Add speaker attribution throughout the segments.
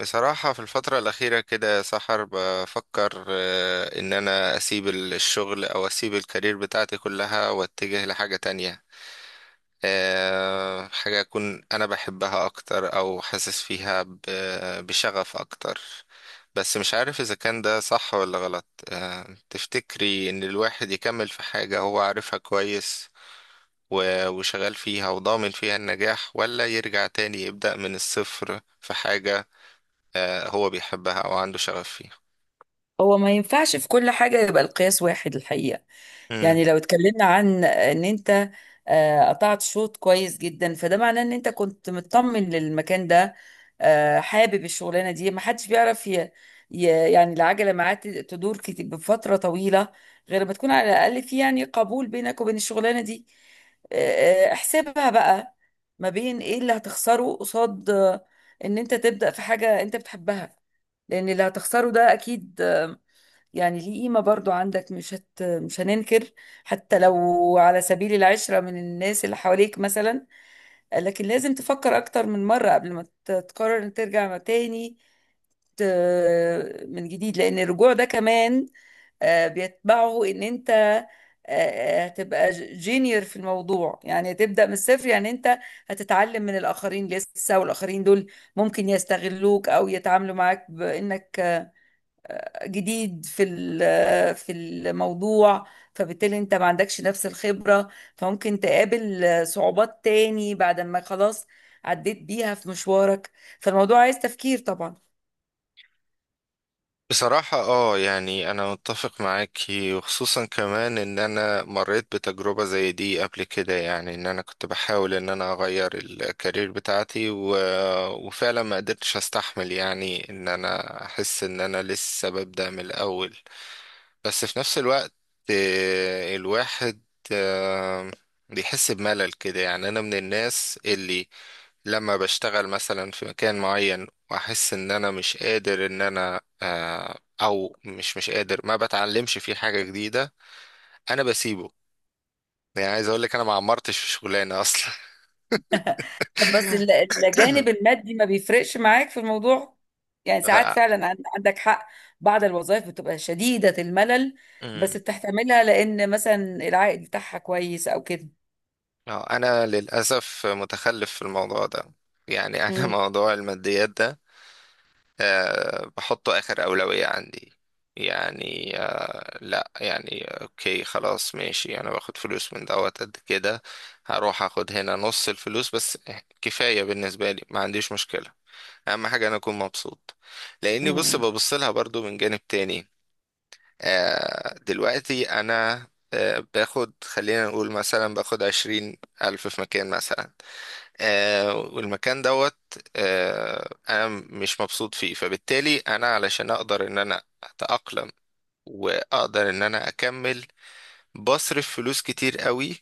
Speaker 1: بصراحة، في الفترة الأخيرة كده يا سحر بفكر إن أنا أسيب الشغل أو أسيب الكارير بتاعتي كلها وأتجه لحاجة تانية. حاجة أكون أنا بحبها أكتر أو حاسس فيها بشغف أكتر. بس مش عارف إذا كان ده صح ولا غلط. تفتكري إن الواحد يكمل في حاجة هو عارفها كويس وشغال فيها وضامن فيها النجاح، ولا يرجع تاني يبدأ من الصفر في حاجة هو بيحبها او عنده شغف فيها؟
Speaker 2: هو ما ينفعش في كل حاجة يبقى القياس واحد الحقيقة.
Speaker 1: مم.
Speaker 2: يعني لو اتكلمنا عن ان انت قطعت شوط كويس جدا، فده معناه ان انت كنت مطمن للمكان ده، حابب الشغلانة دي، ما حدش بيعرف ي... يعني العجلة معاه تدور بفترة طويلة، غير ما تكون على الأقل في يعني قبول بينك وبين الشغلانة دي. احسبها بقى ما بين ايه اللي هتخسره قصاد ان انت تبدأ في حاجة انت بتحبها. لان اللي هتخسره ده اكيد يعني ليه قيمة برضو عندك، مش هننكر، حتى لو على سبيل العشرة من الناس اللي حواليك مثلا. لكن لازم تفكر أكتر من مرة قبل ما تقرر إن ترجع تاني ت... من جديد، لأن الرجوع ده كمان بيتبعه إن أنت هتبقى جينيور في الموضوع. يعني هتبدأ من الصفر، يعني أنت هتتعلم من الآخرين لسه، والآخرين دول ممكن يستغلوك أو يتعاملوا معاك بإنك جديد في الموضوع، فبالتالي انت ما عندكش نفس الخبرة، فممكن تقابل صعوبات تاني بعد ما خلاص عديت بيها في مشوارك. فالموضوع عايز تفكير طبعا.
Speaker 1: بصراحة يعني انا متفق معاكي، وخصوصا كمان ان انا مريت بتجربة زي دي قبل كده. يعني ان انا كنت بحاول ان انا اغير الكارير بتاعتي وفعلا ما قدرتش استحمل. يعني ان انا احس ان انا لسه ببدأ من الاول. بس في نفس الوقت الواحد آه، بيحس بملل كده. يعني انا من الناس اللي لما بشتغل مثلا في مكان معين واحس ان انا مش قادر ان انا او مش قادر، ما بتعلمش فيه حاجة جديدة، انا بسيبه. يعني عايز اقول لك انا ما عمرتش في شغلانة اصلا.
Speaker 2: طب بس الجانب المادي ما بيفرقش معاك في الموضوع؟ يعني ساعات
Speaker 1: ف-
Speaker 2: فعلا عندك حق، بعض الوظائف بتبقى شديدة الملل،
Speaker 1: مم.
Speaker 2: بس بتحتملها لأن مثلا العائد بتاعها كويس أو كده.
Speaker 1: انا للاسف متخلف في الموضوع ده. يعني انا
Speaker 2: مم.
Speaker 1: موضوع الماديات ده أه بحطه آخر أولوية عندي. يعني أه لا، يعني أوكي، خلاص، ماشي، أنا باخد فلوس من دوت قد كده، هروح أخد هنا نص الفلوس بس. كفاية بالنسبة لي، ما عنديش مشكلة. أهم حاجة أنا أكون مبسوط، لأني بص
Speaker 2: مم.
Speaker 1: ببص لها برضو من جانب تاني. أه دلوقتي أنا أه باخد، خلينا نقول مثلا باخد 20,000 في مكان مثلا، والمكان دوت انا مش مبسوط فيه. فبالتالي انا علشان اقدر ان انا اتأقلم واقدر ان انا اكمل، بصرف فلوس كتير قوي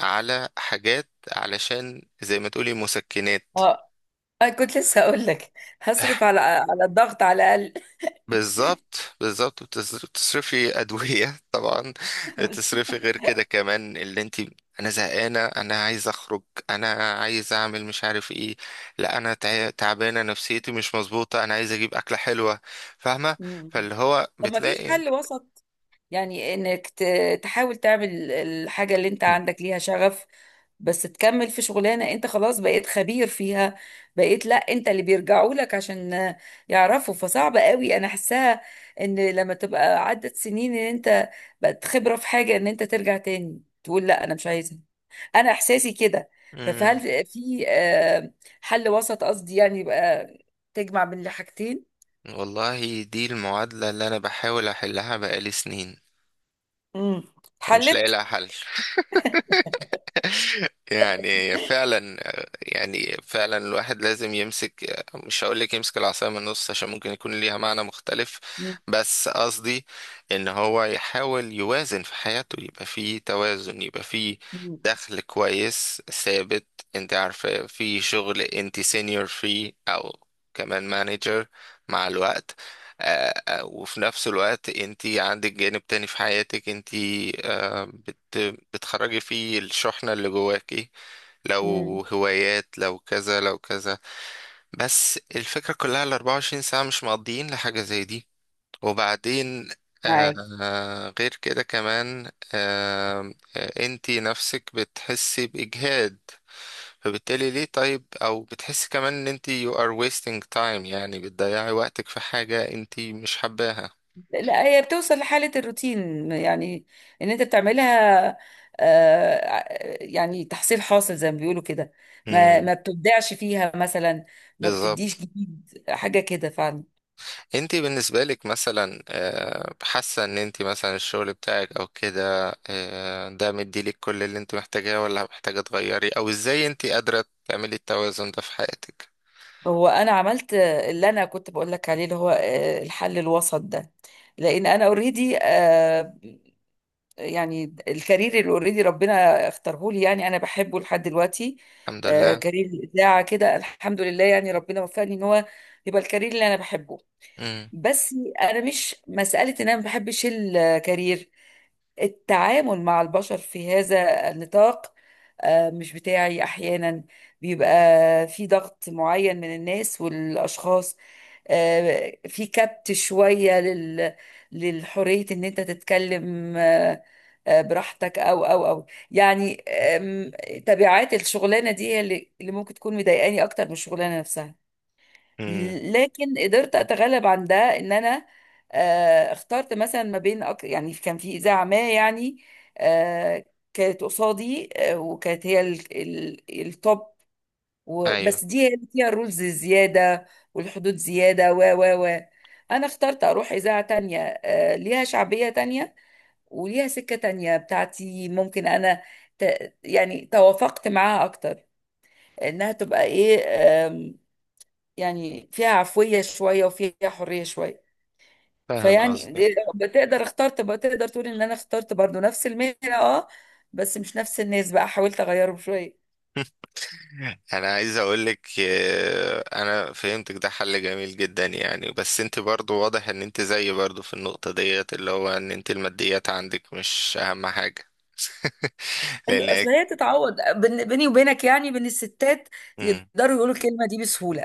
Speaker 1: على حاجات علشان زي ما تقولي مسكنات.
Speaker 2: اه، أنا كنت لسه أقول لك هصرف على الضغط على الأقل.
Speaker 1: بالظبط بالظبط، بتصرفي أدوية طبعا، بتصرفي غير كده كمان اللي انت: انا زهقانة، انا عايز اخرج، انا عايز اعمل مش عارف ايه، لا انا تعبانة، نفسيتي مش مظبوطة، انا عايز اجيب اكلة حلوة، فاهمة؟
Speaker 2: مم.
Speaker 1: فاللي هو
Speaker 2: طب ما فيش
Speaker 1: بتلاقي.
Speaker 2: حل وسط؟ يعني انك تحاول تعمل الحاجة اللي انت
Speaker 1: مم.
Speaker 2: عندك ليها شغف، بس تكمل في شغلانة انت خلاص بقيت خبير فيها، بقيت لا، انت اللي بيرجعوا لك عشان يعرفوا. فصعب قوي انا حاساها، ان لما تبقى عدت سنين ان انت بقت خبرة في حاجة، ان انت ترجع تاني تقول لا انا مش عايزها. انا احساسي كده.
Speaker 1: مم.
Speaker 2: فهل في حل وسط، قصدي يعني يبقى تجمع بين الحاجتين؟
Speaker 1: والله دي المعادلة اللي انا بحاول احلها بقالي سنين،
Speaker 2: امم
Speaker 1: مش لاقي
Speaker 2: حلت.
Speaker 1: لها حل. يعني فعلا يعني فعلا الواحد لازم يمسك، مش هقول لك يمسك العصاية من النص عشان ممكن يكون ليها معنى مختلف،
Speaker 2: مم.
Speaker 1: بس قصدي ان هو يحاول يوازن في حياته، يبقى فيه توازن، يبقى فيه
Speaker 2: مم.
Speaker 1: دخل كويس ثابت. انت عارفة، في شغل انت سينيور فيه او كمان مانجر مع الوقت، وفي نفس الوقت انت عندك جانب تاني في حياتك انت بت... بتخرجي فيه الشحنة اللي جواكي، لو
Speaker 2: مم.
Speaker 1: هوايات، لو كذا لو كذا. بس الفكرة كلها ال 24 ساعة مش مقضيين لحاجة زي دي. وبعدين
Speaker 2: معاك.
Speaker 1: آه غير كده كمان انتي نفسك بتحسي بإجهاد، فبالتالي ليه؟ طيب، أو بتحسي كمان ان انتي you are wasting time، يعني بتضيعي وقتك في حاجة انتي مش حباها.
Speaker 2: لا، هي بتوصل لحالة الروتين، يعني ان انت بتعملها، آه ع- يعني تحصيل حاصل زي ما بيقولوا كده، ما
Speaker 1: مم،
Speaker 2: ما بتبدعش فيها مثلا، ما
Speaker 1: بالظبط.
Speaker 2: بتديش جديد حاجة كده فعلا.
Speaker 1: انت بالنسبة لك مثلا حاسة ان انت مثلا الشغل بتاعك او كده ده مديلك كل اللي انت محتاجاه، ولا محتاجة تغيري؟ او ازاي انت قادرة تعملي التوازن ده في حياتك؟
Speaker 2: هو انا عملت اللي انا كنت بقول لك عليه اللي هو الحل الوسط ده. لان انا اوريدي، يعني الكارير اللي اوريدي ربنا اختاره لي، يعني انا بحبه لحد دلوقتي.
Speaker 1: الحمد لله.
Speaker 2: كارير الاذاعه كده، الحمد لله، يعني ربنا وفقني ان هو يبقى الكارير اللي انا بحبه.
Speaker 1: امم.
Speaker 2: بس انا مش مساله ان انا ما بحبش الكارير، التعامل مع البشر في هذا النطاق مش بتاعي احيانا. بيبقى في ضغط معين من الناس والاشخاص، في كبت شوية للحرية ان انت تتكلم براحتك، او يعني، تبعات الشغلانة دي هي اللي ممكن تكون مضايقاني اكتر من الشغلانة نفسها.
Speaker 1: امم.
Speaker 2: لكن قدرت اتغلب عن ده، ان انا اخترت مثلا ما بين يعني كان في اذاعه ما، يعني آه، كانت قصادي وكانت هي التوب،
Speaker 1: ايوه
Speaker 2: بس دي هي اللي فيها الرولز زياده والحدود زياده و انا اخترت اروح اذاعه تانية، ليها شعبيه تانية، وليها سكه تانية بتاعتي، ممكن انا يعني توافقت معاها اكتر، انها تبقى ايه؟ يعني فيها عفوية شوية وفيها حرية شوية.
Speaker 1: فاهم
Speaker 2: فيعني
Speaker 1: قصدك.
Speaker 2: بتقدر اختار، تبقى تقدر تقول ان انا اخترت برضو نفس المهنة اه، بس مش نفس الناس بقى، حاولت اغيرهم شوية.
Speaker 1: انا عايز اقولك انا فهمتك، ده حل جميل جدا يعني. بس انت برضو واضح ان انت زيي برضو في النقطة ديت، اللي هو ان انت الماديات عندك مش اهم حاجة.
Speaker 2: ايوه،
Speaker 1: لان
Speaker 2: اصل هي تتعوض، بيني وبينك يعني، بين الستات
Speaker 1: مم.
Speaker 2: يقدروا يقولوا الكلمة دي بسهولة.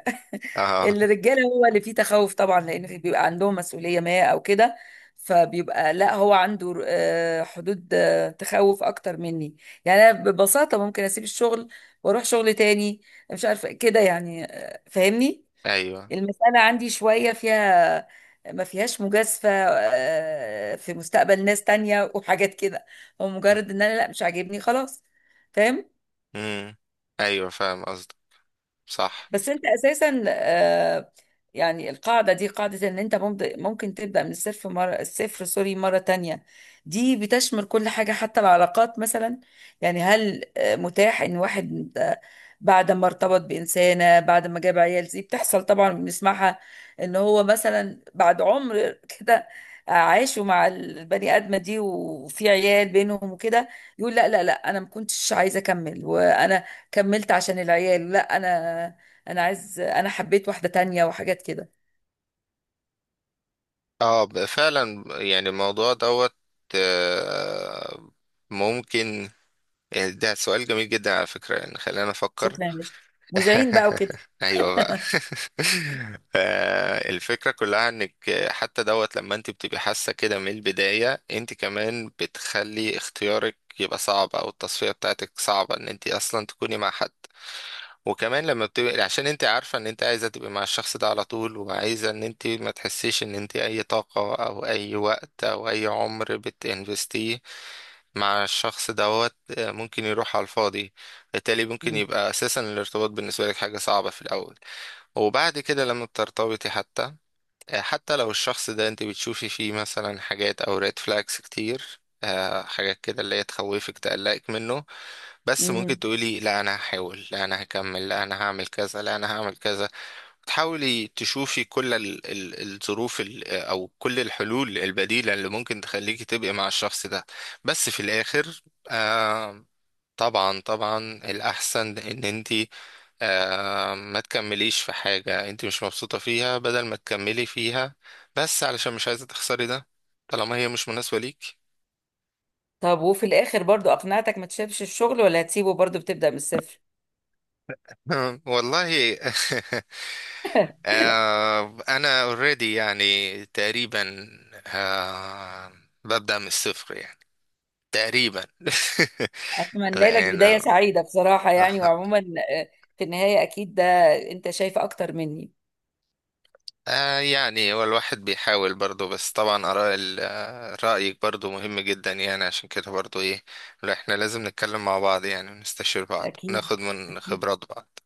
Speaker 1: اه.
Speaker 2: الرجاله هو اللي فيه تخوف طبعا، لان بيبقى عندهم مسؤوليه ما او كده، فبيبقى لا، هو عنده حدود، تخوف اكتر مني. يعني انا ببساطه ممكن اسيب الشغل واروح شغل تاني، مش عارفه كده، يعني فاهمني.
Speaker 1: ايوه.
Speaker 2: المساله عندي شويه فيها، ما فيهاش مجازفه في مستقبل ناس تانية وحاجات كده، هو مجرد ان انا لا، مش عاجبني خلاص. فاهم؟
Speaker 1: امم. ايوه فاهم قصدك. صح.
Speaker 2: بس انت اساسا يعني القاعده دي قاعده ان انت ممكن تبدا من الصفر، مره الصفر، سوري، مره تانية. دي بتشمل كل حاجه، حتى العلاقات مثلا. يعني هل متاح ان واحد بعد ما ارتبط بانسانه، بعد ما جاب عيال، دي بتحصل طبعا، بنسمعها، ان هو مثلا بعد عمر كده عاشوا مع البني ادمه دي وفي عيال بينهم وكده، يقول لا لا لا، انا ما كنتش عايزه اكمل، وانا كملت عشان العيال، لا، انا عايز، انا حبيت واحده تانية وحاجات كده.
Speaker 1: اه فعلا. يعني الموضوع دوت آه، ممكن، يعني ده سؤال جميل جدا على فكرة. يعني خلينا افكر.
Speaker 2: شكرا يا باشا، مذيعين بقى وكده.
Speaker 1: ايوه بقى. الفكرة كلها انك حتى دوت لما انت بتبقي حاسة كده من البداية، انت كمان بتخلي اختيارك يبقى صعب، او التصفية بتاعتك صعبة ان انت اصلا تكوني مع حد. وكمان لما بتبقى عشان انت عارفة ان انت عايزة تبقى مع الشخص ده على طول، وعايزة ان انت ما تحسيش ان انت اي طاقة او اي وقت او اي عمر بتنفستيه مع الشخص دوت ممكن يروح على الفاضي. بالتالي ممكن
Speaker 2: مم.
Speaker 1: يبقى اساسا الارتباط بالنسبة لك حاجة صعبة في الاول. وبعد كده لما بترتبطي حتى حتى لو الشخص ده انت بتشوفي فيه مثلا حاجات او ريد فلاجز كتير حاجات كده اللي هي تخوفك تقلقك منه، بس ممكن
Speaker 2: مم.
Speaker 1: تقولي لا انا هحاول، لا انا هكمل، لا انا هعمل كذا، لا انا هعمل كذا. تحاولي تشوفي كل الظروف او كل الحلول البديلة اللي ممكن تخليكي تبقي مع الشخص ده. بس في الاخر آه، طبعا طبعا، الاحسن ان انتي آه ما تكمليش في حاجة انتي مش مبسوطة فيها، بدل ما تكملي فيها بس علشان مش عايزة تخسري ده طالما هي مش مناسبة ليك.
Speaker 2: طب وفي الاخر برضو اقنعتك ما تسيبش الشغل، ولا هتسيبه برضو بتبدا من الصفر؟
Speaker 1: والله. آه انا اوريدي، يعني تقريبا، آه ببدأ من الصفر يعني، تقريبا.
Speaker 2: اتمنى لك
Speaker 1: لان
Speaker 2: بدايه سعيده بصراحه يعني، وعموما آه، في النهايه اكيد ده انت شايف اكتر مني.
Speaker 1: آه، يعني هو الواحد بيحاول برضه. بس طبعا آراء ال- آه، رأيك برضه مهم جدا يعني، عشان كده برضه ايه، لا، احنا لازم نتكلم مع بعض يعني ونستشير بعض،
Speaker 2: اكيد.
Speaker 1: ناخد من
Speaker 2: أكيد.
Speaker 1: خبرات بعض.